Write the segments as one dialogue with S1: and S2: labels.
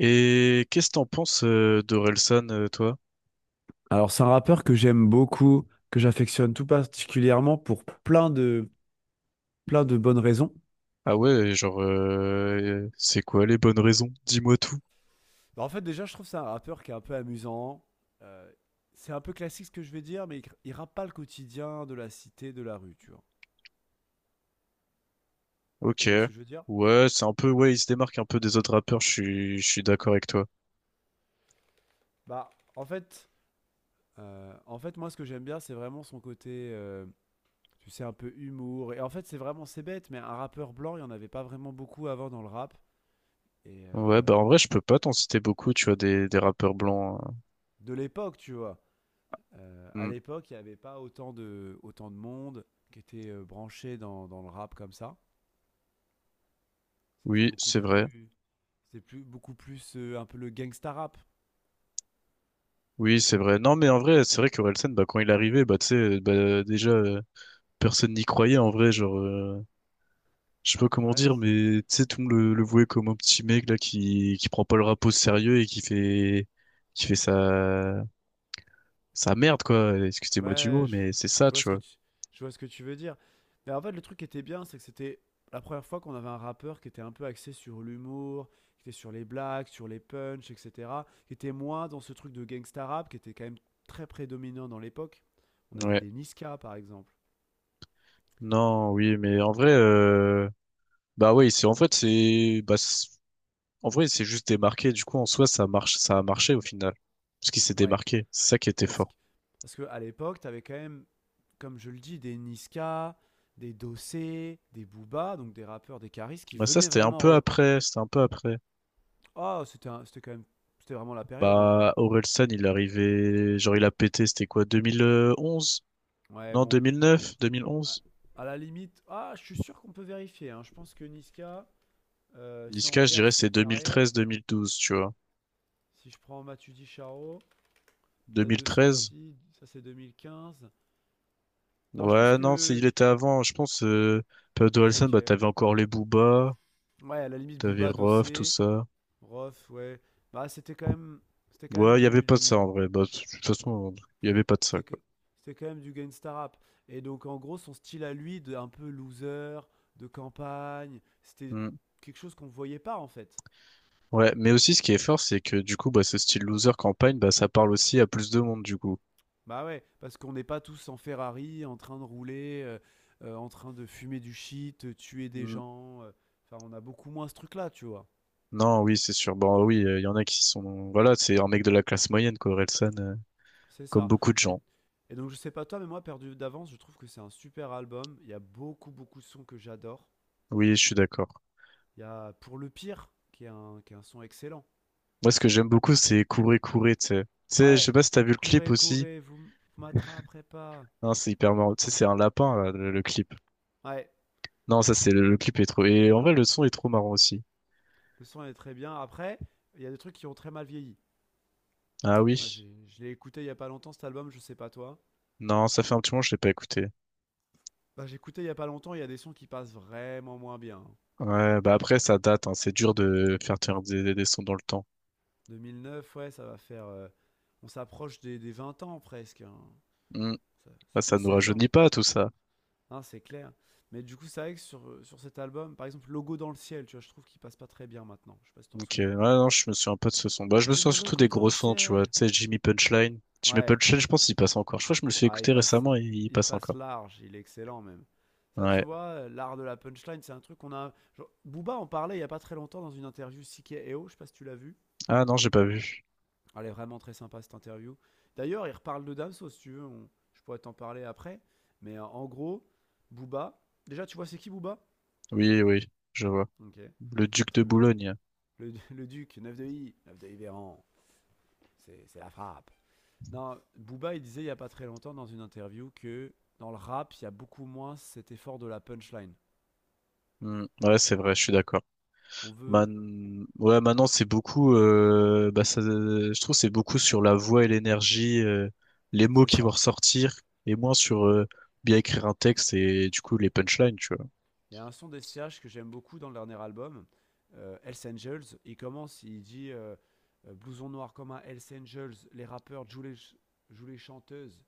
S1: Et qu'est-ce que t'en penses d'Orelsan, toi?
S2: Alors, c'est un rappeur que j'aime beaucoup, que j'affectionne tout particulièrement pour plein de bonnes raisons.
S1: Ah ouais, genre, c'est quoi les bonnes raisons? Dis-moi tout.
S2: Bah, en fait, déjà, je trouve que c'est un rappeur qui est un peu amusant. Euh, c'est un peu classique ce que je vais dire, mais il rappe pas le quotidien de la cité, de la rue, tu vois.
S1: Ok.
S2: Tu vois ce que je veux dire?
S1: Ouais, c'est un peu, ouais, il se démarque un peu des autres rappeurs, je suis d'accord avec toi.
S2: Bah, en fait, en fait, moi, ce que j'aime bien, c'est vraiment son côté, tu sais, un peu humour. Et en fait, c'est vraiment, c'est bête, mais un rappeur blanc, il y en avait pas vraiment beaucoup avant dans le rap. Et
S1: Ouais,
S2: euh,
S1: bah en vrai, je peux pas t'en citer beaucoup, tu vois, des rappeurs blancs, hein.
S2: de l'époque, tu vois. À
S1: Hmm.
S2: l'époque, il n'y avait pas autant de, autant de monde qui était branché dans le rap comme ça. C'était
S1: Oui,
S2: beaucoup
S1: c'est vrai.
S2: plus, c'était plus, beaucoup plus un peu le gangsta rap.
S1: Oui, c'est vrai. Non, mais en vrai, c'est vrai qu'Orelsan, bah, quand il est arrivé, bah, tu sais, bah, déjà, personne n'y croyait en vrai. Genre, je sais pas comment
S2: Ouais,
S1: dire, mais tu sais, tout le monde le voyait comme un petit mec là qui prend pas le rap au sérieux et qui fait sa merde, quoi. Excusez-moi du
S2: ouais,
S1: mot, mais c'est
S2: je
S1: ça,
S2: vois
S1: tu
S2: ce que
S1: vois.
S2: tu, je vois ce que tu veux dire. Mais en fait, le truc qui était bien, c'est que c'était la première fois qu'on avait un rappeur qui était un peu axé sur l'humour, qui était sur les blagues, sur les punchs, etc. Qui était moins dans ce truc de gangsta rap, qui était quand même très prédominant dans l'époque. On avait
S1: Ouais.
S2: des Niska, par exemple.
S1: Non, oui, mais en vrai, bah, oui, en fait, en vrai, c'est juste démarqué. Du coup, en soi, ça marche, ça a marché au final. Parce qu'il s'est
S2: Ouais,
S1: démarqué. C'est ça qui était
S2: Parce que,
S1: fort.
S2: parce que à l'époque, t'avais quand même, comme je le dis, des Niska, des Dossé, des Booba, donc des rappeurs, des Caris qui
S1: Bah, ça,
S2: venaient
S1: c'était un
S2: vraiment.
S1: peu après, c'était un peu après.
S2: Ah, c'était quand même. C'était vraiment la période en vrai.
S1: Bah, Orelsan, il est arrivé, genre il a pété, c'était quoi, 2011?
S2: Ouais,
S1: Non,
S2: bon.
S1: 2009,
S2: À,
S1: 2011?
S2: à la limite. Ah, je suis sûr qu'on peut vérifier, hein. Je pense que Niska, si on
S1: Niska, je
S2: regarde
S1: dirais
S2: sa
S1: c'est
S2: carrière,
S1: 2013-2012, tu vois.
S2: si je prends Matudi Charo, date de
S1: 2013?
S2: sortie, ça c'est 2015. Non, je pense
S1: Ouais, non, c'est
S2: que.
S1: il était avant, je pense, période Orelsan, bah
S2: Ok.
S1: t'avais encore les Booba,
S2: Ouais, à la limite,
S1: t'avais
S2: Booba,
S1: Rof, tout
S2: Dossé.
S1: ça.
S2: Rof, ouais. Bah, c'était quand même, c'était quand même
S1: Ouais, il y avait
S2: du,
S1: pas de ça
S2: du-
S1: en vrai, bah de toute façon, il y avait pas de ça,
S2: c'était
S1: quoi.
S2: que- C'était quand même du gangsta rap. Et donc, en gros, son style à lui, de un peu loser, de campagne, c'était
S1: Hmm.
S2: quelque chose qu'on voyait pas en fait.
S1: Ouais, mais aussi ce qui est fort, c'est que du coup, bah ce style loser campagne, bah ça parle aussi à plus de monde, du coup.
S2: Bah ouais, parce qu'on n'est pas tous en Ferrari, en train de rouler, en train de fumer du shit, tuer des gens. Enfin, on a beaucoup moins ce truc-là, tu vois.
S1: Non, oui, c'est sûr. Bon, oui, il y en a qui sont... Voilà, c'est un mec de la classe moyenne, quoi, Orelsan,
S2: C'est
S1: comme
S2: ça.
S1: beaucoup de
S2: Et,
S1: gens.
S2: et donc, je sais pas toi, mais moi, Perdu d'avance, je trouve que c'est un super album. Il y a beaucoup, beaucoup de sons que j'adore.
S1: Oui, je suis d'accord.
S2: Il y a Pour le pire, qui est un son excellent.
S1: Moi, ce que j'aime beaucoup, c'est courir, courir, tu sais. Tu sais, je
S2: Ouais,
S1: sais pas si t'as vu le clip
S2: courez,
S1: aussi.
S2: courez, vous m'attraperez pas.
S1: Hein, c'est hyper marrant. Tu sais, c'est un lapin, là, le clip.
S2: Ouais,
S1: Non, ça, c'est... Le clip est trop... Et en vrai, le son est trop marrant aussi.
S2: le son est très bien. Après, il y a des trucs qui ont très mal vieilli.
S1: Ah
S2: Moi,
S1: oui.
S2: je l'ai écouté il y a pas longtemps, cet album, je sais pas toi.
S1: Non, ça fait un petit moment que je l'ai pas écouté.
S2: Bah, j'ai écouté il y a pas longtemps, il y a des sons qui passent vraiment moins bien.
S1: Ouais, bah après, ça date, hein. C'est dur de faire tenir des sons dans le temps.
S2: 2009, ouais, ça va faire. On s'approche des 20 ans presque, hein.
S1: Hmm.
S2: Ça,
S1: Bah,
S2: ça fait
S1: ça nous
S2: 16
S1: rajeunit
S2: ans.
S1: pas tout ça.
S2: Hein, c'est clair. Mais du coup, c'est vrai que sur cet album, par exemple, Logo dans le ciel, tu vois, je trouve qu'il passe pas très bien maintenant. Je sais pas si t'en
S1: Donc,
S2: souviens.
S1: ouais, non, je me souviens un peu de ce son. Bah, je me
S2: J'ai
S1: souviens
S2: mon
S1: surtout
S2: logo
S1: des
S2: dans
S1: gros
S2: le
S1: sons, tu vois.
S2: ciel.
S1: Tu sais, Jimmy Punchline. Jimmy
S2: Ouais,
S1: Punchline, je pense qu'il passe encore. Je crois que je me le suis
S2: ah,
S1: écouté récemment et il
S2: il
S1: passe
S2: passe
S1: encore.
S2: large, il est excellent même. Ça, tu
S1: Ouais.
S2: vois, l'art de la punchline, c'est un truc qu'on a, genre, Booba en parlait il y a pas très longtemps dans une interview Sike Eo, je sais pas si tu l'as vu.
S1: Ah non, j'ai pas vu.
S2: Elle est vraiment très sympa cette interview. D'ailleurs, il reparle de Damso si tu veux, je pourrais t'en parler après. Mais en gros, Booba. Déjà, tu vois, c'est qui Booba?
S1: Oui, oui, je vois.
S2: Ok,
S1: Le Duc de
S2: très bien.
S1: Boulogne.
S2: Le, le Duc, 9 de I Véran, c'est la frappe. Non, Booba, il disait il y a pas très longtemps dans une interview que dans le rap, il y a beaucoup moins cet effort de la punchline.
S1: Hmm. Ouais, c'est vrai, je suis d'accord.
S2: On veut,
S1: Man... Ouais, maintenant, c'est beaucoup. Bah, ça... Je trouve que c'est beaucoup sur la voix et l'énergie, les mots
S2: c'est
S1: qui vont
S2: ça.
S1: ressortir, et moins sur bien écrire un texte et du coup les punchlines, tu vois.
S2: Il y a un son des CH que j'aime beaucoup dans le dernier album, Hells Angels. Il commence, il dit blouson noir comme un Hells Angels, les rappeurs jouent les, jouent les chanteuses.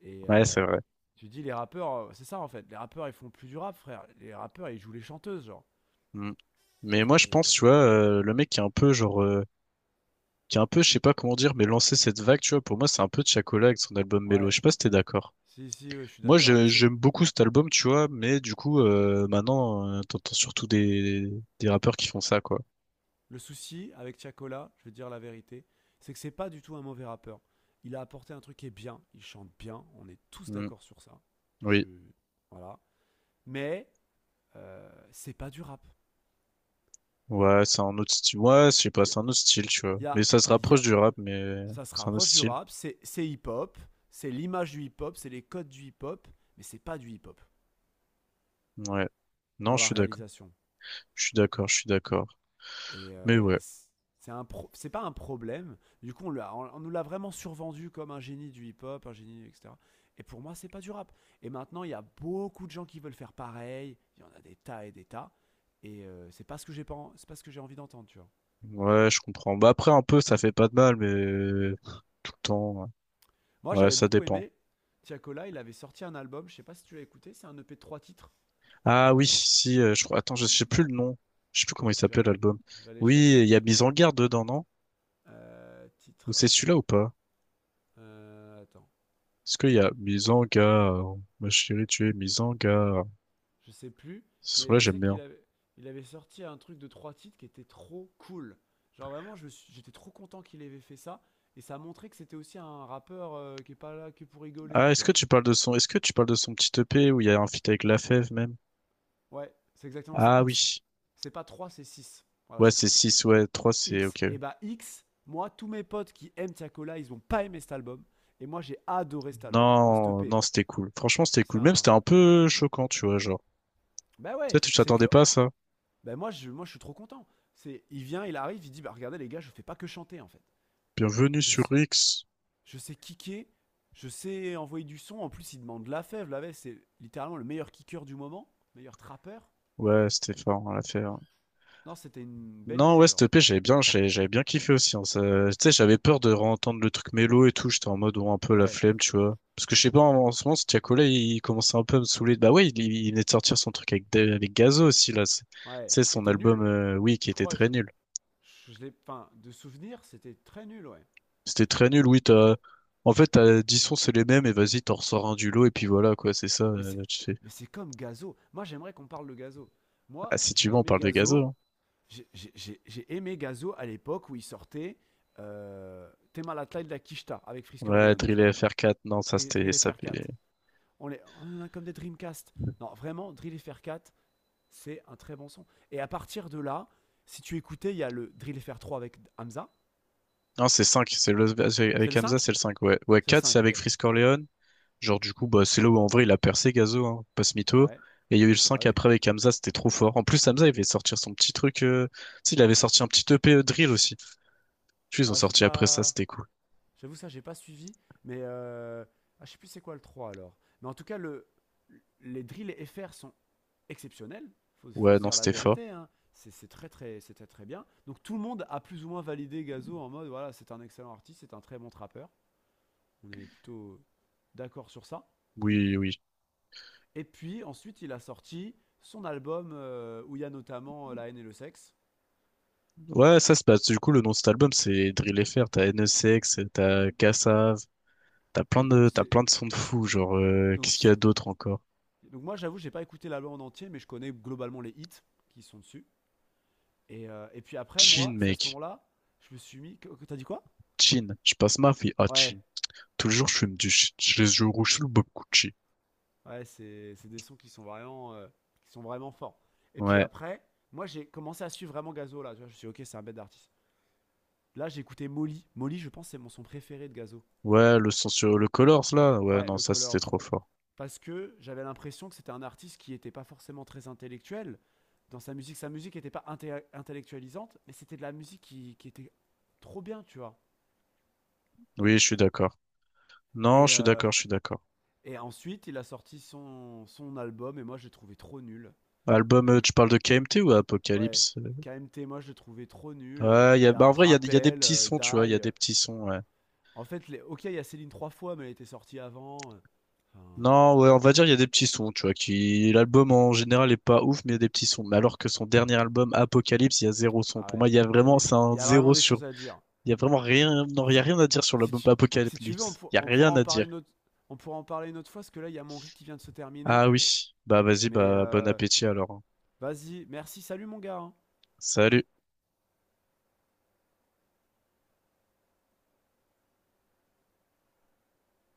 S2: Et
S1: Ouais, c'est vrai.
S2: tu dis, les rappeurs, c'est ça en fait, les rappeurs ils font plus du rap, frère. Les rappeurs ils jouent les chanteuses, genre.
S1: Mm. Mais moi, je
S2: Et
S1: pense, tu vois, le mec qui est un peu, genre, qui est un peu, je sais pas comment dire, mais lancer cette vague, tu vois, pour moi, c'est un peu Tiakola avec son album Mélo. Je
S2: ouais,
S1: sais pas si t'es d'accord.
S2: si, si, ouais, je suis
S1: Moi,
S2: d'accord. Tu sais,
S1: j'aime beaucoup cet album, tu vois, mais du coup, maintenant, t'entends surtout des rappeurs qui font ça, quoi.
S2: le souci avec Tiakola, je vais te dire la vérité, c'est que c'est pas du tout un mauvais rappeur. Il a apporté un truc qui est bien, il chante bien, on est tous
S1: Mm.
S2: d'accord sur ça. Je...
S1: Oui.
S2: Voilà. Mais c'est pas du rap.
S1: Ouais, c'est un autre style. Ouais, je sais pas,
S2: Il y
S1: c'est un autre style, tu vois. Mais
S2: a,
S1: ça se
S2: il y
S1: rapproche
S2: a-
S1: du rap, mais
S2: Ça se
S1: c'est un autre
S2: rapproche du
S1: style.
S2: rap, c'est hip-hop, c'est l'image du hip-hop, c'est les codes du hip-hop, mais c'est pas du hip-hop
S1: Ouais. Non,
S2: dans
S1: je
S2: la
S1: suis d'accord.
S2: réalisation.
S1: Je suis d'accord, je suis d'accord.
S2: Et,
S1: Mais ouais.
S2: c'est un c'est pas un problème. Du coup, nous l'a vraiment survendu comme un génie du hip-hop, un génie, etc. Et pour moi, c'est pas du rap. Et maintenant, il y a beaucoup de gens qui veulent faire pareil. Il y en a des tas. Et c'est pas ce que j'ai pas, en- c'est pas ce que j'ai envie d'entendre, tu vois.
S1: Ouais, je comprends. Bah après, un peu, ça fait pas de mal, mais tout le temps.
S2: Moi,
S1: Ouais,
S2: j'avais
S1: ça
S2: beaucoup
S1: dépend.
S2: aimé. Tiakola, il avait sorti un album. Je sais pas si tu l'as écouté. C'est un EP de trois titres.
S1: Ah oui,
S2: Euh,
S1: si, je crois. Attends, je sais plus le nom. Je sais plus comment il
S2: je
S1: s'appelle l'album.
S2: je vais aller
S1: Oui, il
S2: chercher.
S1: y a Mise en garde dedans, non? Ou c'est
S2: Titre.
S1: celui-là ou pas?
S2: Attends.
S1: Est-ce qu'il y a Mise en garde? Ma chérie, tu es mise en garde.
S2: Je sais plus,
S1: Ce
S2: mais
S1: son-là,
S2: je
S1: j'aime
S2: sais qu'
S1: bien.
S2: il avait sorti un truc de trois titres qui était trop cool. Genre vraiment, j'étais trop content qu'il avait fait ça. Et ça a montré que c'était aussi un rappeur qui est pas là que pour rigoler,
S1: Ah,
S2: tu vois.
S1: est-ce que tu parles de son petit EP où il y a un feat avec Lafèvre même?
S2: Ouais, c'est exactement, c'est
S1: Ah
S2: X.
S1: oui.
S2: C'est pas 3, c'est 6. Voilà,
S1: Ouais,
S2: c'est
S1: c'est
S2: ça.
S1: six ouais, trois c'est
S2: X.
S1: ok.
S2: Et bah X, moi, tous mes potes qui aiment Tiakola, ils ont pas aimé cet album. Et moi, j'ai adoré cet album. Enfin, cette E
S1: Non,
S2: P.
S1: non, c'était cool. Franchement, c'était
S2: C'est
S1: cool. Même,
S2: un...
S1: c'était un peu choquant, tu vois, genre.
S2: Bah
S1: Tu sais,
S2: ouais,
S1: tu
S2: c'est
S1: t'attendais
S2: que...
S1: pas à ça.
S2: Bah moi, je suis trop content. C'est, il vient, il arrive, il dit, bah regardez les gars, je fais pas que chanter, en fait.
S1: Bienvenue
S2: Je
S1: sur X.
S2: Je sais kicker, je sais envoyer du son. En plus, il demande la fève. La fève, c'est littéralement le meilleur kicker du moment, meilleur trappeur.
S1: Ouais, c'était fort, on l'a fait.
S2: Non, c'était une belle
S1: Non,
S2: idée,
S1: ouais, cette
S2: genre.
S1: EP, j'avais bien, j'avais bien kiffé aussi, hein. Tu sais, j'avais peur de réentendre le truc mélo et tout. J'étais en mode, ouais, un peu la
S2: Ouais,
S1: flemme, tu vois. Parce que je sais pas, en ce moment, ce Tiakola, commençait un peu à me saouler. Bah ouais, il venait de sortir son truc avec, avec Gazo aussi, là. Tu
S2: ouais,
S1: sais,
S2: qui
S1: son
S2: était
S1: album,
S2: nul.
S1: oui, qui
S2: Je
S1: était
S2: crois, je,
S1: très nul.
S2: je je, l'ai, enfin, de souvenir, c'était très nul, ouais.
S1: C'était très nul, oui, t'as... En fait, t'as 10 sons, c'est les mêmes, et vas-y, t'en ressors un du lot, et puis voilà, quoi, c'est ça,
S2: Mais c'est,
S1: tu sais.
S2: mais c'est comme Gazo. Moi, j'aimerais qu'on parle de Gazo.
S1: Ah,
S2: Moi,
S1: si tu
S2: j'ai
S1: veux, on
S2: aimé
S1: parle de Gazo,
S2: Gazo.
S1: hein.
S2: J'ai aimé Gazo à l'époque où il sortait Tema la taille de la Kishta avec Frisker
S1: Ouais,
S2: Leon, tu
S1: Drill
S2: vois.
S1: et FR4, non, ça, c'était...
S2: Drill
S1: Ça...
S2: FR4. On en a comme des Dreamcast. Non, vraiment, Drill FR 4, c'est un très bon son. Et à partir de là, si tu écoutais, il y a le Drill FR 3 avec Hamza.
S1: Non, c'est 5 c'est le...
S2: C'est
S1: avec
S2: le
S1: Hamza,
S2: 5.
S1: c'est le 5 ouais. Ouais,
S2: C'est le
S1: 4
S2: 5,
S1: c'est avec
S2: ok.
S1: Freeze Corleone. Genre, du coup, bah, c'est là où en vrai il a percé Gazo, hein, pas ce mytho.
S2: Ouais,
S1: Et il y a eu le
S2: bah
S1: cinq
S2: oui.
S1: après avec Hamza, c'était trop fort. En plus, Hamza, il avait sortir son petit truc. Tu sais, il avait sorti un petit EP drill aussi. Tu sais, ils ont
S2: Ah, j'ai
S1: sorti après ça,
S2: pas.
S1: c'était cool.
S2: J'avoue, ça, j'ai pas suivi. Mais ah, je sais plus c'est quoi le 3 alors. Mais en tout cas, les drills FR sont exceptionnels. Faut
S1: Ouais,
S2: se
S1: non,
S2: dire la
S1: c'était fort.
S2: vérité, hein. C'est très, très, c'est très, très bien. Donc tout le monde a plus ou moins validé Gazo en mode voilà, c'est un excellent artiste, c'est un très bon trappeur. On est plutôt d'accord sur ça.
S1: Oui, oui.
S2: Et puis ensuite, il a sorti son album où il y a notamment La haine et le sexe.
S1: Ouais, ça, c'est bah, du coup, le nom de cet album, c'est Drill FR. T'as NSX, t'as Kassav,
S2: Donc,
S1: t'as
S2: c'est,
S1: plein de, sons de fou. Genre,
S2: donc,
S1: qu'est-ce qu'il y
S2: si-
S1: a d'autre encore?
S2: Donc moi, j'avoue, j'ai pas écouté l'album en entier, mais je connais globalement les hits qui sont dessus. Et puis après, moi,
S1: Chin,
S2: c'est à ce
S1: mec.
S2: moment-là, je me suis mis. T'as dit quoi?
S1: Chin. Je passe ma vie à Chin.
S2: Ouais,
S1: Tout le jour, je fume du shit. Je les yeux rouges sous le Bob Gucci.
S2: ouais, c'est des sons qui sont vraiment forts. Et puis
S1: Ouais.
S2: après, moi, j'ai commencé à suivre vraiment Gazo là. Tu vois, je me suis dit, ok, c'est un bête d'artiste. Là, j'ai écouté Molly. Molly, je pense, c'est mon son préféré de Gazo.
S1: Ouais, le son sur le Colors, là. Ouais,
S2: Ouais,
S1: non,
S2: le
S1: ça, c'était
S2: Colors.
S1: trop fort.
S2: Parce que j'avais l'impression que c'était un artiste qui n'était pas forcément très intellectuel dans sa musique. Sa musique n'était pas intellectualisante, mais c'était de la musique qui était trop bien, tu vois.
S1: Oui, je suis d'accord. Non,
S2: Et,
S1: je suis
S2: euh,
S1: d'accord, je suis d'accord.
S2: et ensuite, il a sorti son album et moi, je l'ai trouvé trop nul.
S1: Album,
S2: Euh, le,
S1: tu parles de KMT ou
S2: ouais,
S1: Apocalypse?
S2: KMT, moi, je l'ai trouvé trop nul.
S1: Ouais, il y a,
S2: Il y a
S1: bah en vrai, il y a des
S2: Rappel,
S1: petits sons, tu vois, il y a
S2: Die.
S1: des
S2: euh.
S1: petits sons, ouais.
S2: En fait, les, ok, il y a Céline trois fois, mais elle était sortie avant. Enfin,
S1: Non, ouais, on va dire il y a des petits sons, tu vois, qui l'album en général est pas ouf, mais il y a des petits sons. Mais alors que son dernier album, Apocalypse, il y a zéro son.
S2: ah
S1: Pour moi,
S2: ouais,
S1: il y a vraiment, c'est
S2: il
S1: un
S2: y a vraiment
S1: zéro
S2: des
S1: sur.
S2: choses à dire.
S1: Il y a vraiment rien, non, il y a rien à dire sur
S2: Si
S1: l'album
S2: tu, si tu veux,
S1: Apocalypse. Il y a rien à dire.
S2: on pourra en parler une autre fois, parce que là, il y a mon riz qui vient de se terminer.
S1: Ah oui, bah vas-y,
S2: Mais
S1: bah bon appétit alors, hein.
S2: vas-y, merci, salut mon gars, hein.
S1: Salut.